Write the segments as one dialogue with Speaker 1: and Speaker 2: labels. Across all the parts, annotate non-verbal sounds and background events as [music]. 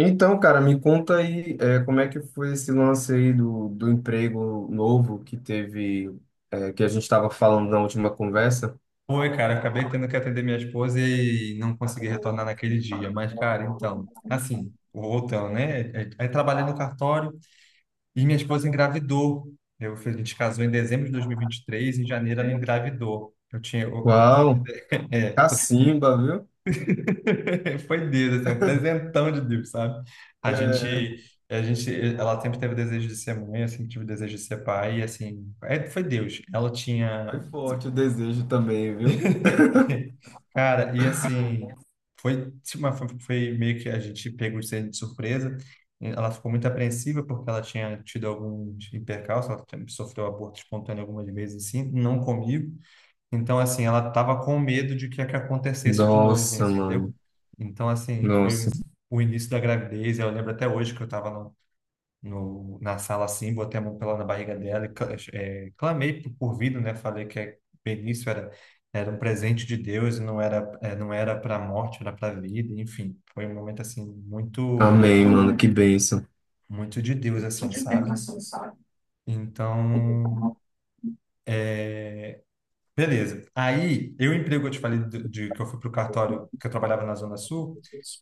Speaker 1: Então, cara, me conta aí, como é que foi esse lance aí do emprego novo que teve, que a gente estava falando na última conversa?
Speaker 2: Foi, cara, eu acabei tendo que atender minha esposa e não consegui retornar naquele dia. Mas, cara, então, assim, voltando, né? Aí trabalhei no cartório e minha esposa engravidou. Eu, a gente casou em dezembro de dois mil e vinte e três. Em janeiro ela engravidou. Eu tinha, eu-.
Speaker 1: Uau,
Speaker 2: é,
Speaker 1: cacimba, viu?
Speaker 2: [laughs] Foi Deus, assim, um presentão de Deus, sabe? A
Speaker 1: É,
Speaker 2: gente, a gente, ela sempre teve o desejo de ser mãe, eu sempre tive o desejo de ser pai, e assim, é, foi Deus. Ela
Speaker 1: foi
Speaker 2: tinha.
Speaker 1: forte o desejo também, viu?
Speaker 2: [laughs] Cara, e assim, foi, tipo, foi meio que a gente pegou de ser de surpresa. Ela ficou muito apreensiva porque ela tinha tido alguns percalços, ela tinha- sofreu aborto espontâneo algumas vezes, assim, não comigo. Então, assim, ela estava com medo de que acontecesse de novo,
Speaker 1: Nossa,
Speaker 2: entendeu?
Speaker 1: mano.
Speaker 2: Então, assim,
Speaker 1: Nossa.
Speaker 2: foi o início da gravidez. Eu lembro até hoje que eu estava no, na sala assim, botei a mão pela na barriga dela e cla- clamei por vida, né? Falei que a Benício era um presente de Deus e não era para a morte, era para a vida, enfim. Foi um momento assim muito
Speaker 1: Amém, mano. Que bênção.
Speaker 2: muito de Deus assim, sabe? Então, beleza. Aí, eu emprego, que eu te falei de, que eu fui pro cartório, que eu trabalhava na Zona Sul,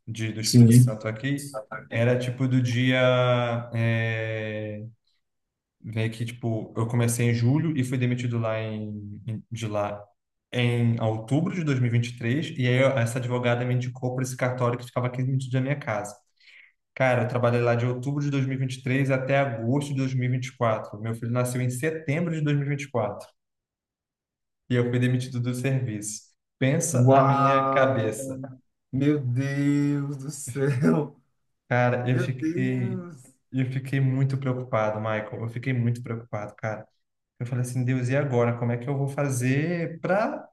Speaker 2: de, do Espírito
Speaker 1: Sim.
Speaker 2: Santo aqui, era tipo do dia, é, meio que, tipo, eu comecei em julho e fui demitido lá em, de lá em outubro de 2023. E vinte e três. E aí eu- essa advogada me indicou para esse cartório que ficava 15 minutos da minha casa. Cara, eu trabalhei lá de outubro de 2023 até agosto de 2024. Meu filho nasceu em setembro de 2024 e vinte e quatro. E eu fui demitido do serviço. Pensa a minha
Speaker 1: Uau!
Speaker 2: cabeça.
Speaker 1: Meu Deus do céu!
Speaker 2: Cara,
Speaker 1: Meu Deus!
Speaker 2: eu fiquei muito preocupado, Michael. Eu fiquei muito preocupado, cara. Eu falei assim, Deus, e agora? Como é que eu vou fazer para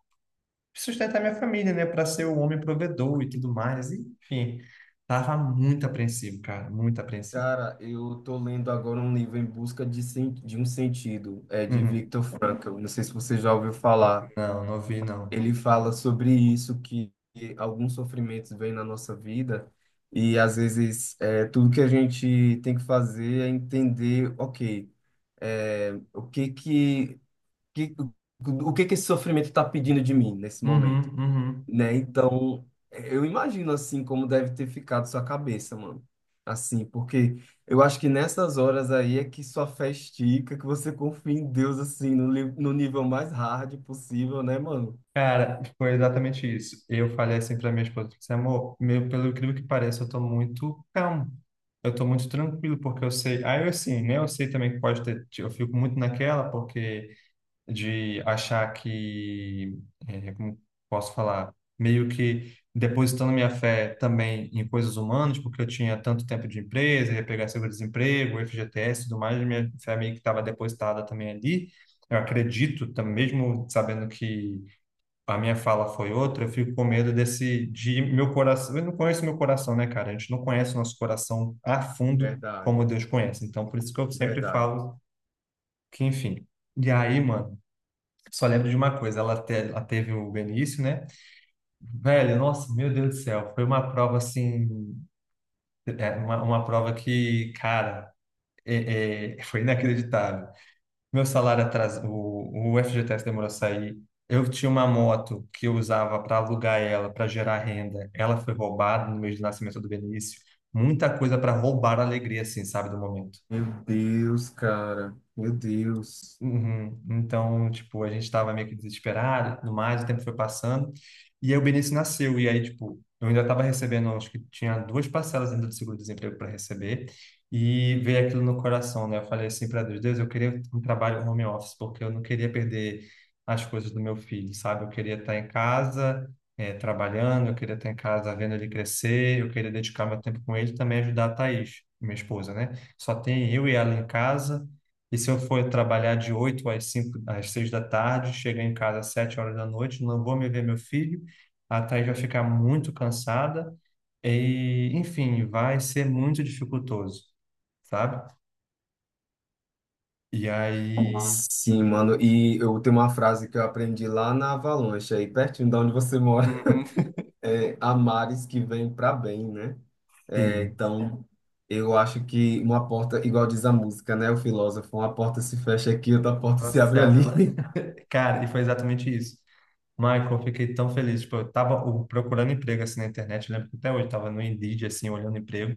Speaker 2: sustentar minha família, né? Para ser o homem provedor e tudo mais. Enfim, tava muito apreensivo, cara, muito apreensivo.
Speaker 1: Cara, eu tô lendo agora um livro Em Busca de um Sentido, é de
Speaker 2: Uhum.
Speaker 1: Viktor Frankl. Não sei se você já ouviu falar.
Speaker 2: Não, não vi, não.
Speaker 1: Ele fala sobre isso, que alguns sofrimentos vêm na nossa vida e às vezes tudo que a gente tem que fazer é entender, ok, é, o que que, que o que que esse sofrimento está pedindo de mim nesse momento,
Speaker 2: Uhum, uhum.
Speaker 1: né? Então, eu imagino assim como deve ter ficado sua cabeça, mano. Assim, porque eu acho que nessas horas aí é que sua fé estica, que você confia em Deus assim no nível mais hard possível, né, mano?
Speaker 2: Cara, foi exatamente isso. Eu falei assim para minha esposa, disse, amor, meu, pelo incrível que pareça, eu tô muito calmo. Eu tô muito tranquilo, porque eu sei. Aí, eu, assim, né? Eu sei também que pode ter. Eu fico muito naquela, porque. De achar que, como posso falar, meio que depositando minha fé também em coisas humanas, porque eu tinha tanto tempo de empresa, ia pegar seguro-desemprego, FGTS e tudo mais, minha fé meio que estava depositada também ali. Eu acredito, mesmo sabendo que a minha fala foi outra, eu fico com medo desse, de meu coração. Eu não conheço meu coração, né, cara? A gente não conhece o nosso coração a fundo
Speaker 1: Verdade,
Speaker 2: como Deus conhece. Então, por isso que eu sempre
Speaker 1: verdade.
Speaker 2: falo que, enfim. E aí, mano, só lembro de uma coisa, ela teve o Benício, né? Velho, nossa, meu Deus do céu, foi uma prova assim, uma prova que, cara, foi inacreditável. Meu salário atrasou, o FGTS demorou a sair. Eu tinha uma moto que eu usava para alugar ela, para gerar renda. Ela foi roubada no mês de nascimento do Benício. Muita coisa para roubar a alegria, assim, sabe, do momento.
Speaker 1: Meu Deus, cara. Meu Deus.
Speaker 2: Uhum. Então, tipo, a gente estava meio que desesperado e tudo mais, o tempo foi passando. E aí o Benício nasceu, e aí, tipo, eu ainda estava recebendo, acho que tinha duas parcelas ainda do seguro-desemprego para receber, e veio aquilo no coração, né? Eu falei assim para Deus, Deus, eu queria um trabalho home office, porque eu não queria perder as coisas do meu filho, sabe? Eu queria estar em casa, trabalhando, eu queria estar em casa vendo ele crescer, eu queria dedicar meu tempo com ele e também ajudar a Thaís, minha esposa, né? Só tem eu e ela em casa. E se eu for trabalhar de 8 às 5, às 6 da tarde, chegar em casa às 7 horas da noite, não vou me ver meu filho, a Thaís vai ficar muito cansada e, enfim, vai ser muito dificultoso, sabe? E aí,
Speaker 1: Sim, mano. E eu tenho uma frase que eu aprendi lá na Avalanche, aí pertinho de onde você mora.
Speaker 2: uhum,
Speaker 1: [laughs] É, há mares que vêm para bem, né? É,
Speaker 2: sim,
Speaker 1: então, eu acho que uma porta, igual diz a música, né? O filósofo, uma porta se fecha aqui, outra porta se
Speaker 2: nossa, se
Speaker 1: abre ali.
Speaker 2: abre lá.
Speaker 1: [laughs]
Speaker 2: [laughs] Cara, e foi exatamente isso. Michael, eu fiquei tão feliz, tipo, eu tava procurando emprego assim na internet, eu lembro que até hoje eu tava no Indeed assim, olhando emprego.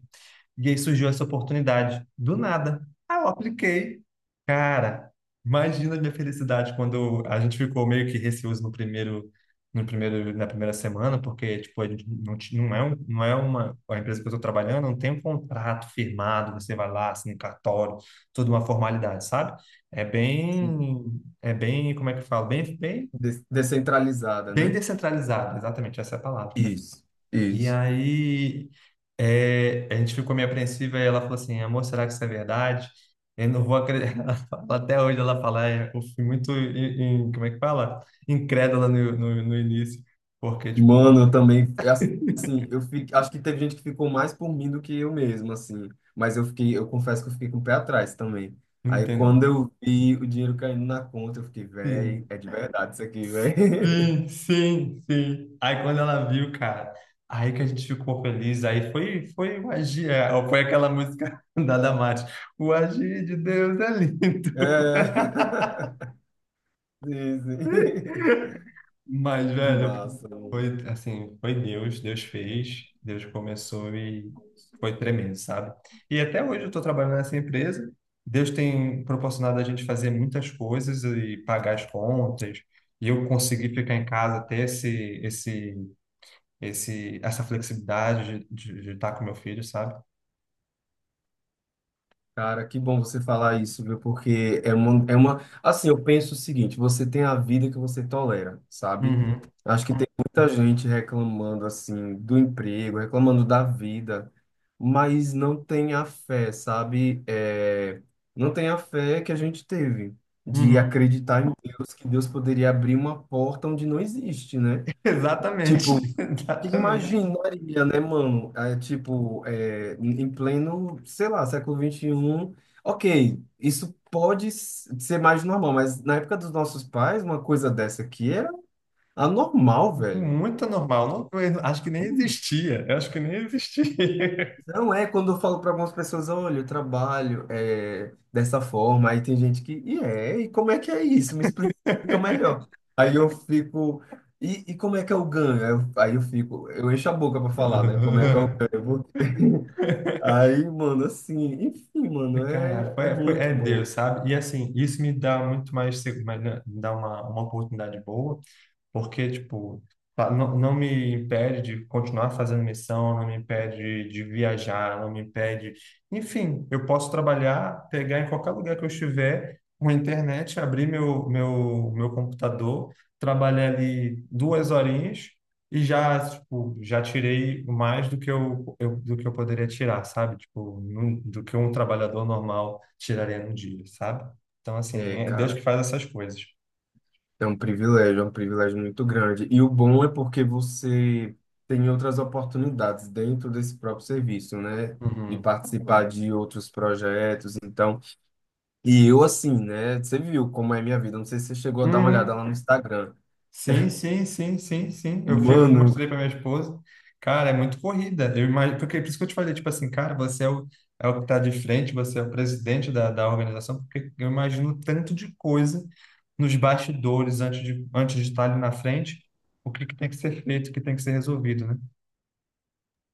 Speaker 2: E aí surgiu essa oportunidade, do nada. Aí eu apliquei. Cara, imagina a minha felicidade quando eu- a gente ficou meio que receoso no primeiro, no primeiro, na primeira semana, porque, tipo, a gente não, não é, não é uma, a empresa que eu estou trabalhando não tem um contrato firmado, você vai lá, assina um cartório, toda uma formalidade, sabe? É
Speaker 1: Sim.
Speaker 2: bem, como é que eu falo?
Speaker 1: Descentralizada,
Speaker 2: Bem
Speaker 1: né?
Speaker 2: descentralizado, exatamente, essa é a palavra.
Speaker 1: Isso,
Speaker 2: E
Speaker 1: isso.
Speaker 2: aí, a gente ficou meio apreensiva e ela falou assim, amor, será que isso é verdade? Eu não vou acreditar. [laughs] Ela fala- Até hoje ela fala, "É, eu fui muito, como é que fala? Incrédula no início, porque, tipo,
Speaker 1: Mano, eu também, assim, eu fico, acho que teve gente que ficou mais por mim do que eu mesmo, assim. Mas eu fiquei, eu confesso que eu fiquei com o pé atrás também.
Speaker 2: não
Speaker 1: Aí quando
Speaker 2: entendo.
Speaker 1: eu vi o dinheiro caindo na conta, eu fiquei, véi,
Speaker 2: Sim,
Speaker 1: é de verdade isso aqui, véi. [laughs]
Speaker 2: sim, sim, sim. Aí quando ela viu, cara, aí que a gente ficou feliz, aí foi, foi o agir, foi aquela música [laughs] da Damares, o agir de Deus é lindo.
Speaker 1: É.
Speaker 2: [laughs]
Speaker 1: [laughs] Sim, sim.
Speaker 2: Mas,
Speaker 1: Que
Speaker 2: velho,
Speaker 1: massa, mano.
Speaker 2: foi assim, foi Deus, Deus fez, Deus começou e foi tremendo, sabe? E até hoje eu estou trabalhando nessa empresa. Deus tem proporcionado a gente fazer muitas coisas e pagar as contas. E eu consegui ficar em casa, ter esse, essa flexibilidade de estar com meu filho, sabe?
Speaker 1: Cara, que bom você falar isso, viu? Porque é uma. Assim, eu penso o seguinte: você tem a vida que você tolera, sabe?
Speaker 2: Uhum,
Speaker 1: Acho que tem muita gente reclamando, assim, do emprego, reclamando da vida, mas não tem a fé, sabe? É, não tem a fé que a gente teve de
Speaker 2: uhum.
Speaker 1: acreditar em Deus, que Deus poderia abrir uma porta onde não existe, né?
Speaker 2: [laughs]
Speaker 1: Tipo,
Speaker 2: Exatamente, [laughs]
Speaker 1: que
Speaker 2: exatamente.
Speaker 1: imaginaria, né, mano? É, tipo, em pleno, sei lá, século XXI. Ok, isso pode ser mais normal, mas na época dos nossos pais, uma coisa dessa aqui era anormal, velho.
Speaker 2: Muito normal. Não, eu acho que nem existia. Eu acho que nem existia.
Speaker 1: Não é quando eu falo para algumas pessoas, olha, eu trabalho dessa forma, aí tem gente que, e como é que é isso? Me explica
Speaker 2: [laughs]
Speaker 1: melhor. Aí eu fico, e como é que é o ganho? Aí eu fico, eu encho a boca para falar, né? Como
Speaker 2: [laughs]
Speaker 1: é que
Speaker 2: Aham.
Speaker 1: é ganho? Aí, mano, assim, enfim, mano,
Speaker 2: Cara,
Speaker 1: é
Speaker 2: foi, foi-
Speaker 1: muito
Speaker 2: é
Speaker 1: bom.
Speaker 2: Deus, sabe? E assim, isso me dá muito mais, seg- mas, né, me dá uma oportunidade boa porque, tipo, tá- não, não me impede de continuar fazendo missão, não me impede de viajar, não me impede. Enfim, eu posso trabalhar, pegar em qualquer lugar que eu estiver, com a internet, abrir meu computador, trabalhar ali 2 horinhas e já, tipo, já tirei mais do que eu poderia tirar, sabe? Tipo, num- do que um trabalhador normal tiraria num dia, sabe? Então, assim,
Speaker 1: É,
Speaker 2: é Deus
Speaker 1: cara,
Speaker 2: que faz essas coisas.
Speaker 1: é um privilégio muito grande. E o bom é porque você tem outras oportunidades dentro desse próprio serviço, né? De
Speaker 2: Uhum.
Speaker 1: participar de outros projetos, então. E eu, assim, né? Você viu como é a minha vida, não sei se você chegou a dar uma olhada
Speaker 2: Uhum.
Speaker 1: lá no Instagram.
Speaker 2: Sim, sim, sim, sim, sim. Eu, eu
Speaker 1: Mano,
Speaker 2: mostrei para minha esposa. Cara, é muito corrida. Eu imagino, porque é por isso que eu te falei, tipo assim, cara, você é o, é o que tá de frente, você é o presidente da, da organização, porque eu imagino o tanto de coisa nos bastidores antes de estar ali na frente, o que que tem que ser feito, o que tem que ser resolvido, né?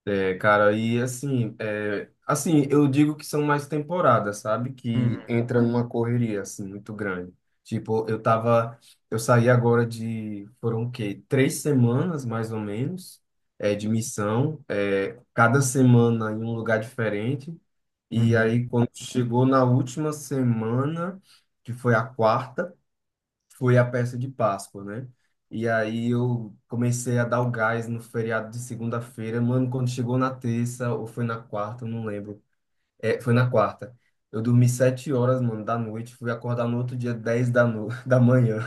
Speaker 1: é, cara, e assim, eu digo que são mais temporadas, sabe? Que
Speaker 2: Uhum,
Speaker 1: entra numa correria, assim, muito grande. Tipo, eu saí agora de, foram o quê? 3 semanas, mais ou menos, de missão, cada semana em um lugar diferente. E aí,
Speaker 2: uhum.
Speaker 1: quando chegou na última semana, que foi a quarta, foi a peça de Páscoa, né? E aí eu comecei a dar o gás no feriado de segunda-feira. Mano, quando chegou na terça ou foi na quarta, eu não lembro. É, foi na quarta. Eu dormi 7 horas, mano, da noite. Fui acordar no outro dia, 10 da, no... [laughs] da manhã.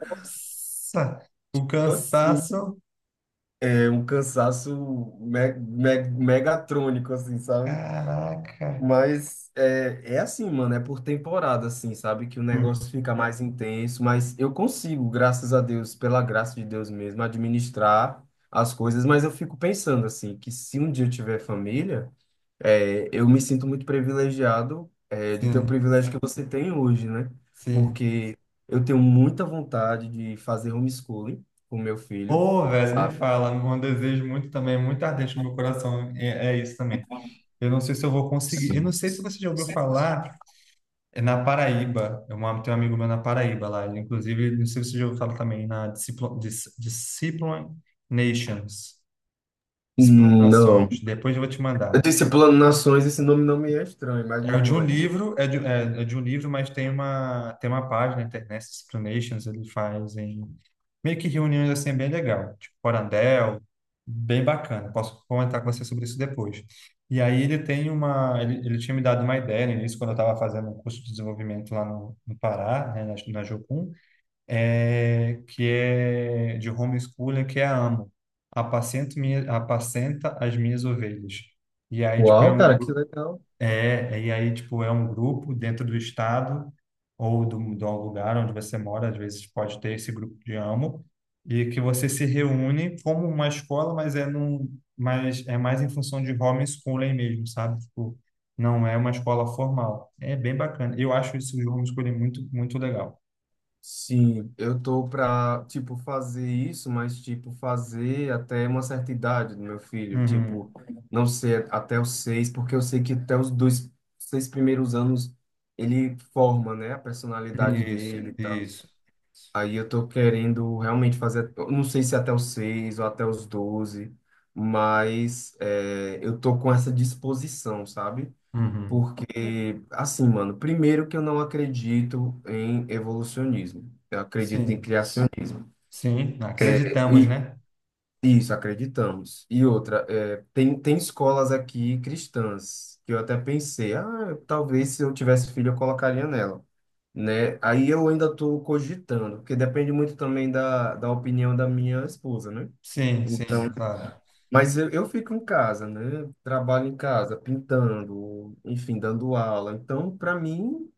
Speaker 2: Nossa, o
Speaker 1: Assim,
Speaker 2: cansaço,
Speaker 1: é um cansaço me megatrônico, assim, sabe?
Speaker 2: caraca.
Speaker 1: Mas é assim, mano, é por temporada, assim, sabe? Que o
Speaker 2: Uhum,
Speaker 1: negócio fica mais intenso, mas eu consigo, graças a Deus, pela graça de Deus mesmo, administrar as coisas, mas eu fico pensando, assim, que se um dia eu tiver família, eu me sinto muito privilegiado, de ter o
Speaker 2: sim,
Speaker 1: privilégio que você tem hoje, né?
Speaker 2: sim.
Speaker 1: Porque eu tenho muita vontade de fazer homeschooling com meu filho,
Speaker 2: Ô, velho, nem
Speaker 1: sabe?
Speaker 2: fala. Um desejo muito também, muito ardente no meu coração. É, é isso também. Eu não sei se eu vou conseguir. Eu não
Speaker 1: Sim.
Speaker 2: sei se você já ouviu falar é na Paraíba. Eu amo- tenho um amigo meu na Paraíba lá. Ele, inclusive, não sei se você já ouviu falar também na Disciplo, Dis, Discipline Nations.
Speaker 1: Não.
Speaker 2: Disciplinações. Depois eu vou te
Speaker 1: Eu
Speaker 2: mandar.
Speaker 1: disse plano nações, esse nome não me é estranho, mas
Speaker 2: É
Speaker 1: me
Speaker 2: o de um
Speaker 1: mande.
Speaker 2: livro, é de, é, é de um livro, mas tem uma página, Internet Explanations, ele faz em meio que reuniões assim bem legal, tipo Corandel, bem bacana. Posso comentar com você sobre isso depois. E aí ele tem uma, ele tinha me dado uma ideia no início, quando eu estava fazendo um curso de desenvolvimento lá no, no Pará, né, na, na Jocum, é, que é de homeschooling, que é a AMO, apacento minha, apacenta as minhas ovelhas. E aí, tipo, é
Speaker 1: Uau,
Speaker 2: um
Speaker 1: cara, que legal.
Speaker 2: é, e aí, tipo, é um grupo dentro do estado ou do, do lugar onde você mora, às vezes pode ter esse grupo de amo, e que você se reúne como uma escola, mas é num, mas é mais em função de homeschooling mesmo, sabe? Tipo, não é uma escola formal. É bem bacana. Eu acho isso de homeschooling muito, muito legal.
Speaker 1: Sim, eu tô pra, tipo, fazer isso, mas, tipo, fazer até uma certa idade do meu filho. Tipo,
Speaker 2: Uhum.
Speaker 1: não ser até os 6, porque eu sei que até os 6 primeiros anos ele forma, né, a personalidade
Speaker 2: Isso,
Speaker 1: dele e tal.
Speaker 2: isso.
Speaker 1: Aí eu tô querendo realmente fazer, eu não sei se até os 6 ou até os 12, mas eu tô com essa disposição, sabe?
Speaker 2: Uhum.
Speaker 1: Porque, assim, mano, primeiro que eu não acredito em evolucionismo. Eu acredito em
Speaker 2: Sim,
Speaker 1: criacionismo.
Speaker 2: sim, acreditamos,
Speaker 1: E
Speaker 2: né?
Speaker 1: isso, acreditamos. E outra, tem escolas aqui cristãs que eu até pensei, ah, talvez se eu tivesse filho eu colocaria nela, né? Aí eu ainda estou cogitando, porque depende muito também da opinião da minha esposa, né?
Speaker 2: Sim, sim,
Speaker 1: Então,
Speaker 2: claro.
Speaker 1: mas eu fico em casa, né? Trabalho em casa, pintando, enfim, dando aula. Então, para mim,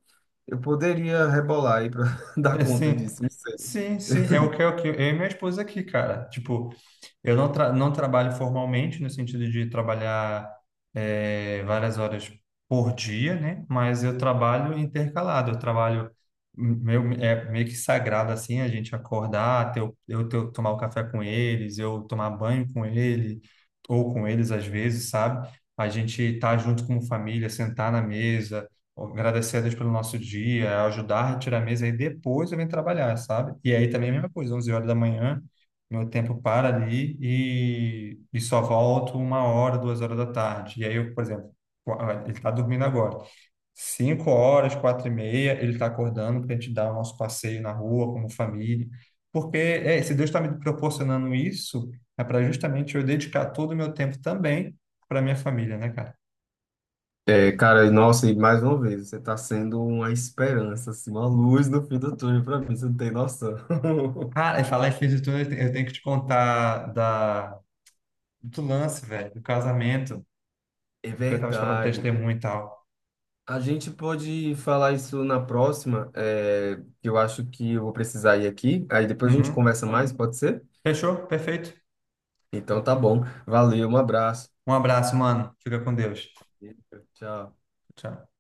Speaker 1: eu poderia rebolar aí para [laughs] dar
Speaker 2: É,
Speaker 1: conta
Speaker 2: sim,
Speaker 1: disso, não sei.
Speaker 2: sim, sim, é o que eu e minha esposa aqui, cara. Tipo, eu não trabalho formalmente, no sentido de trabalhar várias horas por dia, né? Mas eu trabalho intercalado, eu trabalho meu, é meio que sagrado, assim, a gente acordar, ter, eu ter, tomar o café com eles, eu tomar banho com ele, ou com eles às vezes, sabe? A gente tá junto como família, sentar na mesa agradecer a Deus pelo nosso dia, ajudar a tirar a mesa e depois eu venho trabalhar, sabe? E aí também é a mesma coisa, 11 horas da manhã, meu tempo para ali e só volto 1 hora, 2 horas da tarde. E aí eu, por exemplo, qua- ele está dormindo agora. 5 horas, quatro e meia, ele está acordando para a gente dar o nosso passeio na rua como família. Porque é, se Deus está me proporcionando isso, é para justamente eu dedicar todo o meu tempo também para minha família, né, cara?
Speaker 1: É, cara, nossa, e mais uma vez, você tá sendo uma esperança, assim, uma luz no fim do túnel pra mim, você não tem noção. [laughs]
Speaker 2: Cara, e falar em fim de tudo, eu te- eu tenho que te contar da, do lance, velho, do casamento,
Speaker 1: É
Speaker 2: do que eu tava te falando,
Speaker 1: verdade.
Speaker 2: testemunho e tal.
Speaker 1: A gente pode falar isso na próxima, que eu acho que eu vou precisar ir aqui, aí depois a gente
Speaker 2: Uhum.
Speaker 1: conversa mais, pode ser?
Speaker 2: Fechou? Perfeito.
Speaker 1: Então tá bom. Valeu, um abraço.
Speaker 2: Um abraço, mano. Fica com Deus.
Speaker 1: Tchau.
Speaker 2: Tchau.